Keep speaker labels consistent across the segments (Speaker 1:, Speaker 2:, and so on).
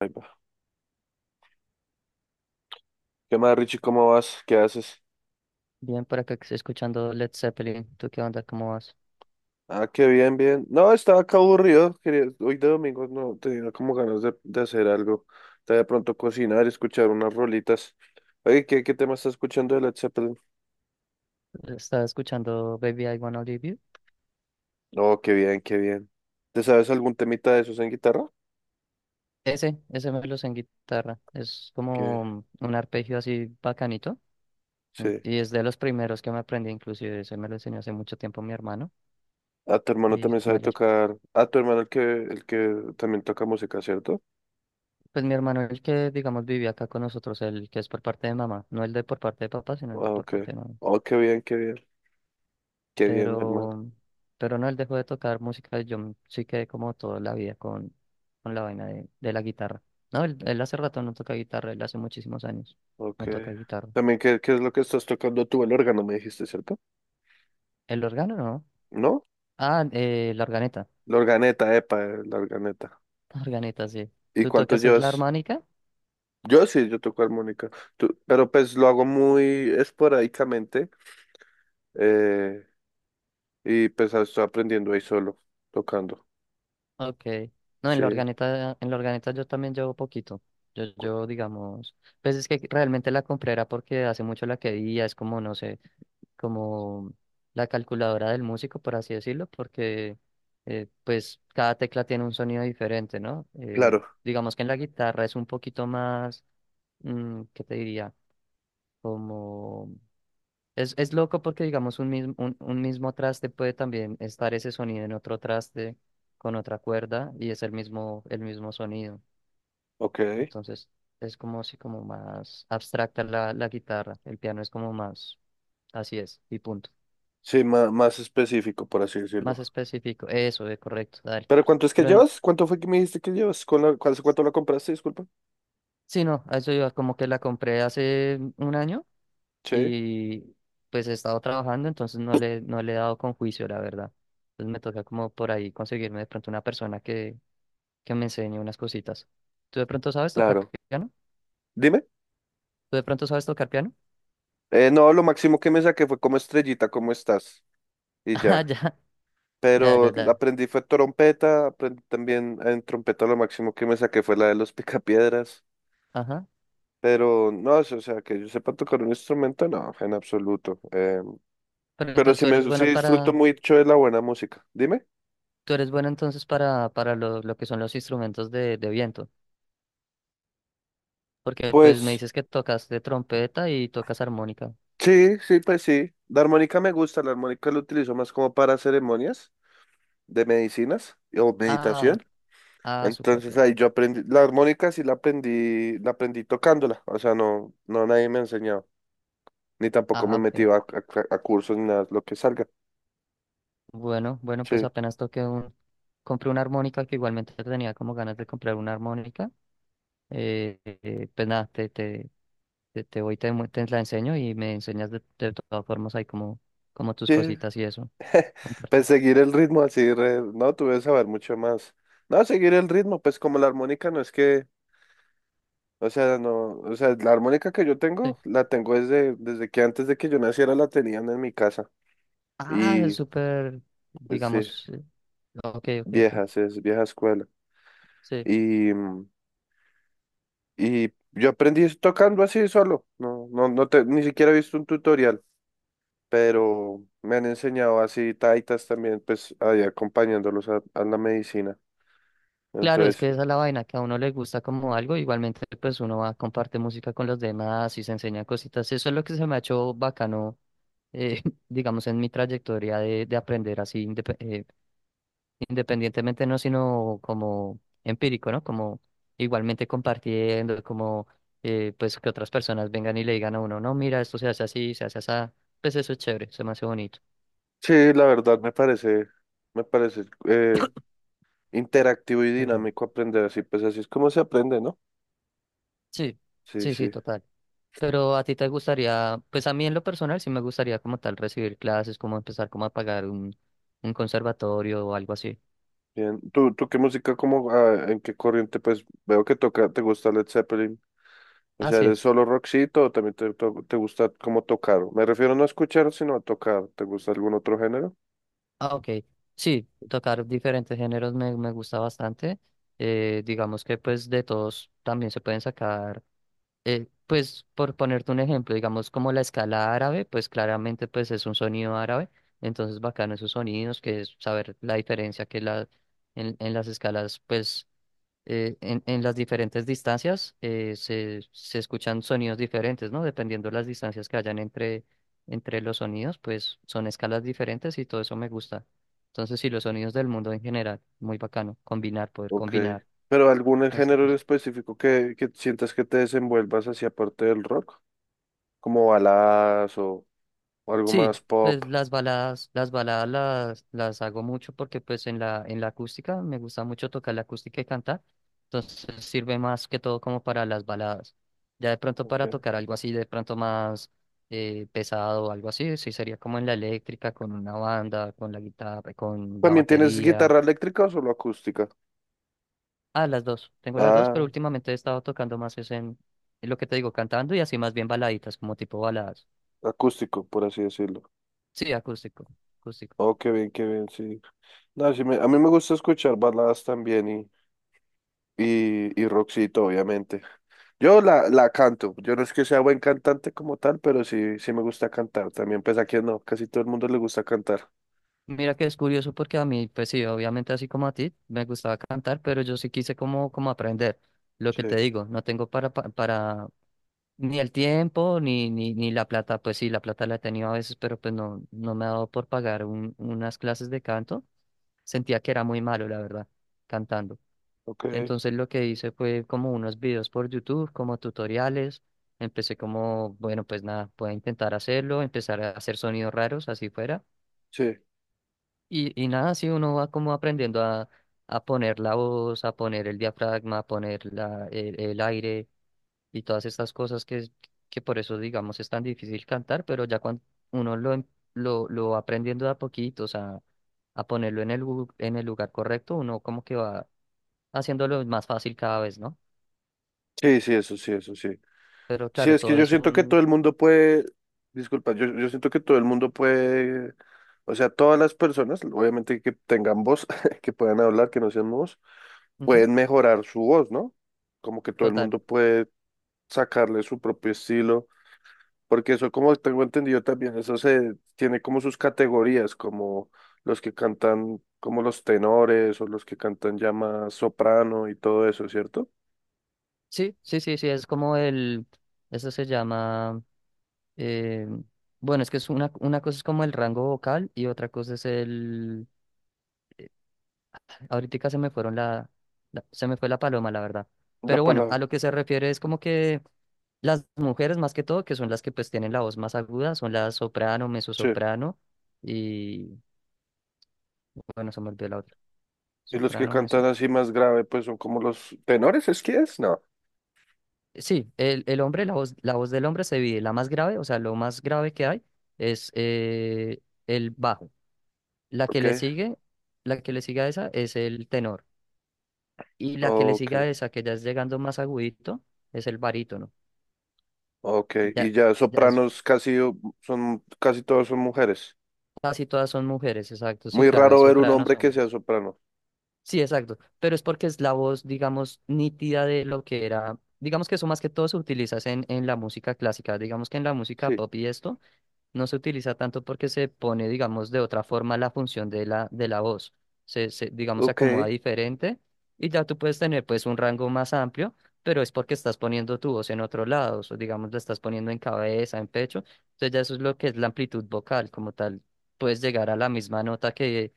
Speaker 1: Ahí va. ¿Qué más, Richie? ¿Cómo vas? ¿Qué haces?
Speaker 2: Bien, por acá que estoy escuchando Led Zeppelin. ¿Tú qué onda? ¿Cómo vas?
Speaker 1: Ah, qué bien, bien. No, estaba acá aburrido. Quería... Hoy de domingo no tenía como ganas de hacer algo. Estaba de pronto cocinar, escuchar unas rolitas. Oye, ¿qué tema estás escuchando de Led Zeppelin?
Speaker 2: Estás escuchando Baby I Wanna Leave You.
Speaker 1: Oh, qué bien, qué bien. ¿Te sabes algún temita de esos en guitarra?
Speaker 2: Ese me lo sé en guitarra. Es
Speaker 1: Que
Speaker 2: como un arpegio así bacanito.
Speaker 1: sí.
Speaker 2: Y es de los primeros que me aprendí, inclusive ese me lo enseñó hace mucho tiempo mi hermano.
Speaker 1: Ah, tu hermano
Speaker 2: Y
Speaker 1: también sabe
Speaker 2: bueno,
Speaker 1: tocar. Ah, tu hermano el que también toca música, ¿cierto?
Speaker 2: pues mi hermano, el que digamos vivía acá con nosotros, el que es por parte de mamá, no el de por parte de papá, sino el de
Speaker 1: Ah,
Speaker 2: por
Speaker 1: ok.
Speaker 2: parte de mamá.
Speaker 1: Oh, qué bien, qué bien. Qué bien, mi hermano.
Speaker 2: Pero, pero no, él dejó de tocar música. Sí quedé como toda la vida con la vaina de la guitarra. No, él hace rato no toca guitarra, él hace muchísimos años
Speaker 1: Ok.
Speaker 2: no toca guitarra.
Speaker 1: También, ¿qué es lo que estás tocando tú? El órgano, me dijiste, ¿cierto?
Speaker 2: ¿El órgano no?
Speaker 1: ¿No?
Speaker 2: Ah, la organeta.
Speaker 1: La organeta, epa, la organeta.
Speaker 2: La organeta, sí.
Speaker 1: ¿Y
Speaker 2: ¿Tú
Speaker 1: cuánto
Speaker 2: tocas es la
Speaker 1: llevas?
Speaker 2: armónica?
Speaker 1: Yo sí, yo toco armónica. Pero pues lo hago muy esporádicamente, eh, y pues estoy aprendiendo ahí solo, tocando.
Speaker 2: Ok. No,
Speaker 1: Sí,
Speaker 2: en la organeta yo también llevo poquito.
Speaker 1: cu-
Speaker 2: Digamos, pues es que realmente la compré era porque hace mucho la quería, es como, no sé. Como la calculadora del músico, por así decirlo, porque pues cada tecla tiene un sonido diferente, ¿no?
Speaker 1: claro.
Speaker 2: Digamos que en la guitarra es un poquito más, ¿qué te diría? Como... Es loco porque, digamos, un mismo traste puede también estar ese sonido en otro traste con otra cuerda y es el mismo sonido.
Speaker 1: Ok.
Speaker 2: Entonces, es como si como más abstracta la, la guitarra. El piano es como más, así es, y punto.
Speaker 1: Sí, más, más específico, por así
Speaker 2: Más
Speaker 1: decirlo.
Speaker 2: específico, eso es correcto, dale.
Speaker 1: ¿Pero cuánto es que
Speaker 2: Pero
Speaker 1: llevas? ¿Cuánto fue que me dijiste que llevas? ¿Con la, hace cuánto la compraste? Disculpa.
Speaker 2: sí, no, a eso iba, como que la compré hace 1 año
Speaker 1: Sí,
Speaker 2: y pues he estado trabajando, entonces no le he dado con juicio, la verdad. Entonces me toca como por ahí conseguirme de pronto una persona que me enseñe unas cositas. ¿Tú de pronto sabes tocar
Speaker 1: claro.
Speaker 2: piano?
Speaker 1: Dime.
Speaker 2: ¿Tú de pronto sabes tocar piano?
Speaker 1: No, lo máximo que me saqué fue como estrellita, ¿cómo estás? Y
Speaker 2: Ah,
Speaker 1: ya.
Speaker 2: ya, ya, ya,
Speaker 1: Pero
Speaker 2: ya.
Speaker 1: aprendí fue trompeta, aprendí también en trompeta lo máximo que me saqué fue la de los picapiedras.
Speaker 2: Ajá.
Speaker 1: Pero no, o sea, que yo sepa tocar un instrumento, no, en absoluto.
Speaker 2: Pero
Speaker 1: Pero
Speaker 2: entonces
Speaker 1: sí,
Speaker 2: tú
Speaker 1: me,
Speaker 2: eres
Speaker 1: sí
Speaker 2: bueno
Speaker 1: disfruto
Speaker 2: para,
Speaker 1: mucho de la buena música. Dime.
Speaker 2: tú eres bueno entonces para lo que son los instrumentos de viento. Porque pues me
Speaker 1: Pues
Speaker 2: dices que tocas de trompeta y tocas armónica.
Speaker 1: sí, sí, pues sí. La armónica me gusta, la armónica la utilizo más como para ceremonias de medicinas o
Speaker 2: Ah,
Speaker 1: meditación.
Speaker 2: ah, súper
Speaker 1: Entonces
Speaker 2: bien.
Speaker 1: ahí yo aprendí, la armónica sí la aprendí tocándola, o sea, no, no nadie me enseñó ni tampoco me
Speaker 2: Ah,
Speaker 1: he
Speaker 2: ok.
Speaker 1: metido a cursos ni nada, lo que salga.
Speaker 2: Bueno, bueno, pues
Speaker 1: Sí,
Speaker 2: apenas toqué un... Compré una armónica que igualmente tenía como ganas de comprar una armónica. Pues nada, te voy, te, mu- te la enseño y me enseñas de todas formas ahí como, como tus
Speaker 1: sí,
Speaker 2: cositas y eso. Comparte.
Speaker 1: pues seguir el ritmo así, no, tuve que saber mucho más. No, seguir el ritmo, pues como la armónica no es que, o sea, no, o sea, la armónica que yo
Speaker 2: Sí.
Speaker 1: tengo, la tengo desde, desde que antes de que yo naciera la tenían en mi casa.
Speaker 2: Ah, es
Speaker 1: Y,
Speaker 2: súper,
Speaker 1: pues sí,
Speaker 2: digamos, ok, ok, ok.
Speaker 1: viejas, es vieja escuela.
Speaker 2: Sí.
Speaker 1: Y, y yo aprendí tocando así solo, no, no, ni siquiera he visto un tutorial. Pero me han enseñado así taitas también, pues ahí acompañándolos a la medicina.
Speaker 2: Claro, es
Speaker 1: Entonces,
Speaker 2: que esa es la vaina, que a uno le gusta como algo, igualmente pues uno va, comparte música con los demás y se enseña cositas. Eso es lo que se me ha hecho bacano, eh, digamos, en mi trayectoria de aprender así, independientemente, no, sino como empírico, ¿no? Como igualmente compartiendo, como pues que otras personas vengan y le digan a uno, no, mira, esto se hace así, pues eso es chévere, se me hace bonito.
Speaker 1: sí, la verdad me parece interactivo y
Speaker 2: Perdón.
Speaker 1: dinámico aprender así, pues así es como se aprende, ¿no?
Speaker 2: Sí,
Speaker 1: Sí,
Speaker 2: sí, sí,
Speaker 1: sí.
Speaker 2: total. Pero a ti te gustaría, pues a mí en lo personal sí me gustaría como tal recibir clases, como empezar como a pagar un conservatorio o algo así.
Speaker 1: Bien. ¿Tú qué música, como, ah, en qué corriente, pues veo que toca, te gusta Led Zeppelin? O
Speaker 2: Ah,
Speaker 1: sea,
Speaker 2: sí,
Speaker 1: ¿eres solo rockcito o también te, te gusta como tocar? Me refiero no a escuchar, sino a tocar. ¿Te gusta algún otro género?
Speaker 2: ah, ok. Sí, tocar diferentes géneros me, me gusta bastante. Digamos que pues de todos también se pueden sacar, pues por ponerte un ejemplo, digamos como la escala árabe, pues claramente pues es un sonido árabe, entonces bacano esos sonidos, que es saber la diferencia que la, en las escalas pues en las diferentes distancias se, se escuchan sonidos diferentes, ¿no? Dependiendo de las distancias que hayan entre, entre los sonidos, pues son escalas diferentes y todo eso me gusta. Entonces, sí, los sonidos del mundo en general, muy bacano, combinar, poder
Speaker 1: Ok.
Speaker 2: combinar.
Speaker 1: ¿Pero algún género en específico que sientas que te desenvuelvas hacia parte del rock? Como baladas o algo
Speaker 2: Sí,
Speaker 1: más pop.
Speaker 2: pues las baladas, las baladas las hago mucho porque pues en la acústica me gusta mucho tocar la acústica y cantar, entonces sirve más que todo como para las baladas. Ya de pronto para
Speaker 1: Ok.
Speaker 2: tocar algo así, de pronto más pesado o algo así, sí sería como en la eléctrica, con una banda, con la guitarra, con la
Speaker 1: ¿También tienes
Speaker 2: batería.
Speaker 1: guitarra eléctrica o solo acústica?
Speaker 2: Ah, las dos, tengo las dos, pero
Speaker 1: Ah,
Speaker 2: últimamente he estado tocando más es en lo que te digo, cantando y así más bien baladitas, como tipo baladas.
Speaker 1: acústico, por así decirlo.
Speaker 2: Sí, acústico, acústico.
Speaker 1: Oh, qué bien, sí. No, a mí me gusta escuchar baladas también y rockcito, obviamente. Yo la, la canto. Yo no es que sea buen cantante como tal, pero sí, sí me gusta cantar. También, pues aquí no, casi todo el mundo le gusta cantar.
Speaker 2: Mira que es curioso porque a mí, pues sí, obviamente así como a ti, me gustaba cantar, pero yo sí quise como, como aprender. Lo
Speaker 1: Sí,
Speaker 2: que te digo, no tengo para, para, ni el tiempo, ni la plata. Pues sí, la plata la he tenido a veces, pero pues no, no me ha dado por pagar unas clases de canto. Sentía que era muy malo, la verdad, cantando.
Speaker 1: ok.
Speaker 2: Entonces lo que hice fue como unos videos por YouTube, como tutoriales. Empecé como, bueno, pues nada, voy a intentar hacerlo, empezar a hacer sonidos raros, así fuera.
Speaker 1: Sí.
Speaker 2: Y nada, sí, uno va como aprendiendo a poner la voz, a poner el diafragma, a poner la, el aire y todas estas cosas que, que por eso, digamos, es tan difícil cantar, pero ya cuando uno lo, em- lo va aprendiendo de a poquitos, a ponerlo en el, en el lugar correcto, uno como que va haciéndolo más fácil cada vez, ¿no?
Speaker 1: Sí, sí, eso sí, eso sí.
Speaker 2: Pero
Speaker 1: Sí,
Speaker 2: claro,
Speaker 1: es que
Speaker 2: todo
Speaker 1: yo
Speaker 2: es
Speaker 1: siento que todo
Speaker 2: un...
Speaker 1: el mundo puede, disculpa, yo siento que todo el mundo puede, o sea, todas las personas, obviamente que tengan voz, que puedan hablar, que no sean mudos,
Speaker 2: Ujú,
Speaker 1: pueden mejorar su voz, ¿no? Como que todo el
Speaker 2: total.
Speaker 1: mundo puede sacarle su propio estilo, porque eso, como tengo entendido también, eso se tiene como sus categorías, como los que cantan, como los tenores o los que cantan ya más soprano y todo eso, ¿cierto?
Speaker 2: Sí, sí, sí, sí, es como el... Eso se llama... Eh, bueno, es que es una cosa es como el rango vocal y otra cosa es el... Ahorita se me fueron se me fue la paloma, la verdad.
Speaker 1: La
Speaker 2: Pero bueno,
Speaker 1: palabra.
Speaker 2: a lo que se refiere es como que las mujeres más que todo, que son las que pues tienen la voz más aguda, son la soprano,
Speaker 1: Sí.
Speaker 2: mezzosoprano y... Bueno, se me olvidó la otra.
Speaker 1: Y los que
Speaker 2: Soprano,
Speaker 1: cantan
Speaker 2: mesos.
Speaker 1: así más grave, pues son como los tenores, ¿es que es? No.
Speaker 2: Sí, el hombre, la voz del hombre se divide. La más grave, o sea, lo más grave que hay es el bajo. La que le
Speaker 1: Ok,
Speaker 2: sigue, la que le sigue a esa es el tenor. Y la que le
Speaker 1: ok,
Speaker 2: sigue a esa, que ya es llegando más agudito, es el barítono.
Speaker 1: ok.
Speaker 2: Ya,
Speaker 1: Y ya
Speaker 2: ya es
Speaker 1: sopranos casi son, casi todos son mujeres.
Speaker 2: casi todas son mujeres, exacto. Sí,
Speaker 1: Muy
Speaker 2: claro, hay
Speaker 1: raro ver un
Speaker 2: sopranos
Speaker 1: hombre que sea
Speaker 2: hombres.
Speaker 1: soprano.
Speaker 2: Sí, exacto. Pero es porque es la voz, digamos, nítida de lo que era. Digamos que eso más que todo se utiliza es en la música clásica. Digamos que en la música
Speaker 1: Sí.
Speaker 2: pop y esto no se utiliza tanto porque se pone, digamos, de otra forma la función de la voz. Digamos, se
Speaker 1: Ok.
Speaker 2: acomoda diferente y ya tú puedes tener, pues, un rango más amplio, pero es porque estás poniendo tu voz en otro lado, o digamos, la estás poniendo en cabeza, en pecho. Entonces ya eso es lo que es la amplitud vocal como tal. Puedes llegar a la misma nota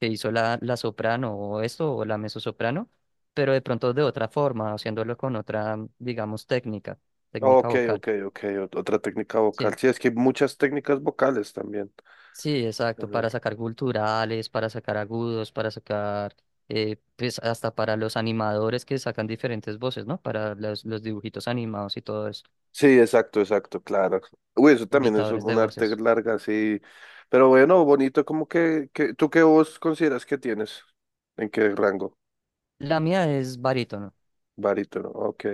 Speaker 2: que hizo la, la soprano o esto, o la mezzosoprano, pero de pronto de otra forma, haciéndolo con otra, digamos, técnica, técnica
Speaker 1: Ok,
Speaker 2: vocal.
Speaker 1: ok, ok. Otra técnica vocal.
Speaker 2: Sí.
Speaker 1: Sí, es que hay muchas técnicas vocales también.
Speaker 2: Sí, exacto,
Speaker 1: en el-
Speaker 2: para sacar culturales, para sacar agudos, para sacar, pues hasta para los animadores que sacan diferentes voces, ¿no? Para los dibujitos animados y todo eso,
Speaker 1: Sí, exacto, exacto, claro. Uy, eso también es
Speaker 2: imitadores de
Speaker 1: un arte
Speaker 2: voces.
Speaker 1: larga, sí. Pero bueno, bonito, como que, ¿tú qué voz consideras que tienes? ¿En qué rango?
Speaker 2: La mía es barítono.
Speaker 1: Barítono, ok.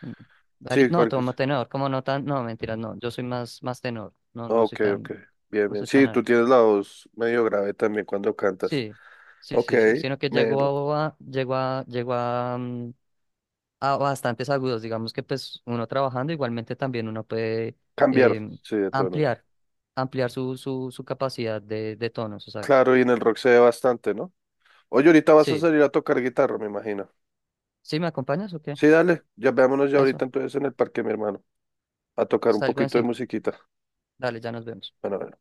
Speaker 2: mm,
Speaker 1: Sí,
Speaker 2: no,
Speaker 1: porque,
Speaker 2: tomo tenor, como no tan, no, mentira, no, yo soy más, más tenor, no,
Speaker 1: ah,
Speaker 2: no soy
Speaker 1: ok,
Speaker 2: tan,
Speaker 1: ok. Bien,
Speaker 2: no
Speaker 1: bien.
Speaker 2: soy tan
Speaker 1: Sí, tú
Speaker 2: alto.
Speaker 1: tienes la voz medio grave también cuando cantas.
Speaker 2: Sí, sí,
Speaker 1: Ok,
Speaker 2: sí, sí, sino que
Speaker 1: melo.
Speaker 2: llegó a, llegó a, llegó a, a bastantes agudos. Digamos que pues uno trabajando igualmente también uno puede
Speaker 1: Cambiar,
Speaker 2: em,
Speaker 1: sí, de tono.
Speaker 2: ampliar, ampliar su capacidad de tonos, exacto.
Speaker 1: Claro, y en el rock se ve bastante, ¿no? Oye, ahorita vas a
Speaker 2: Sí,
Speaker 1: salir a tocar guitarra, me imagino.
Speaker 2: ¿sí me acompañas o qué?
Speaker 1: Sí, dale. Ya veámonos ya
Speaker 2: A
Speaker 1: ahorita
Speaker 2: eso,
Speaker 1: entonces en el parque, mi hermano, a tocar un
Speaker 2: salgo en
Speaker 1: poquito de
Speaker 2: 5.
Speaker 1: musiquita.
Speaker 2: Dale, ya nos vemos.
Speaker 1: Bueno,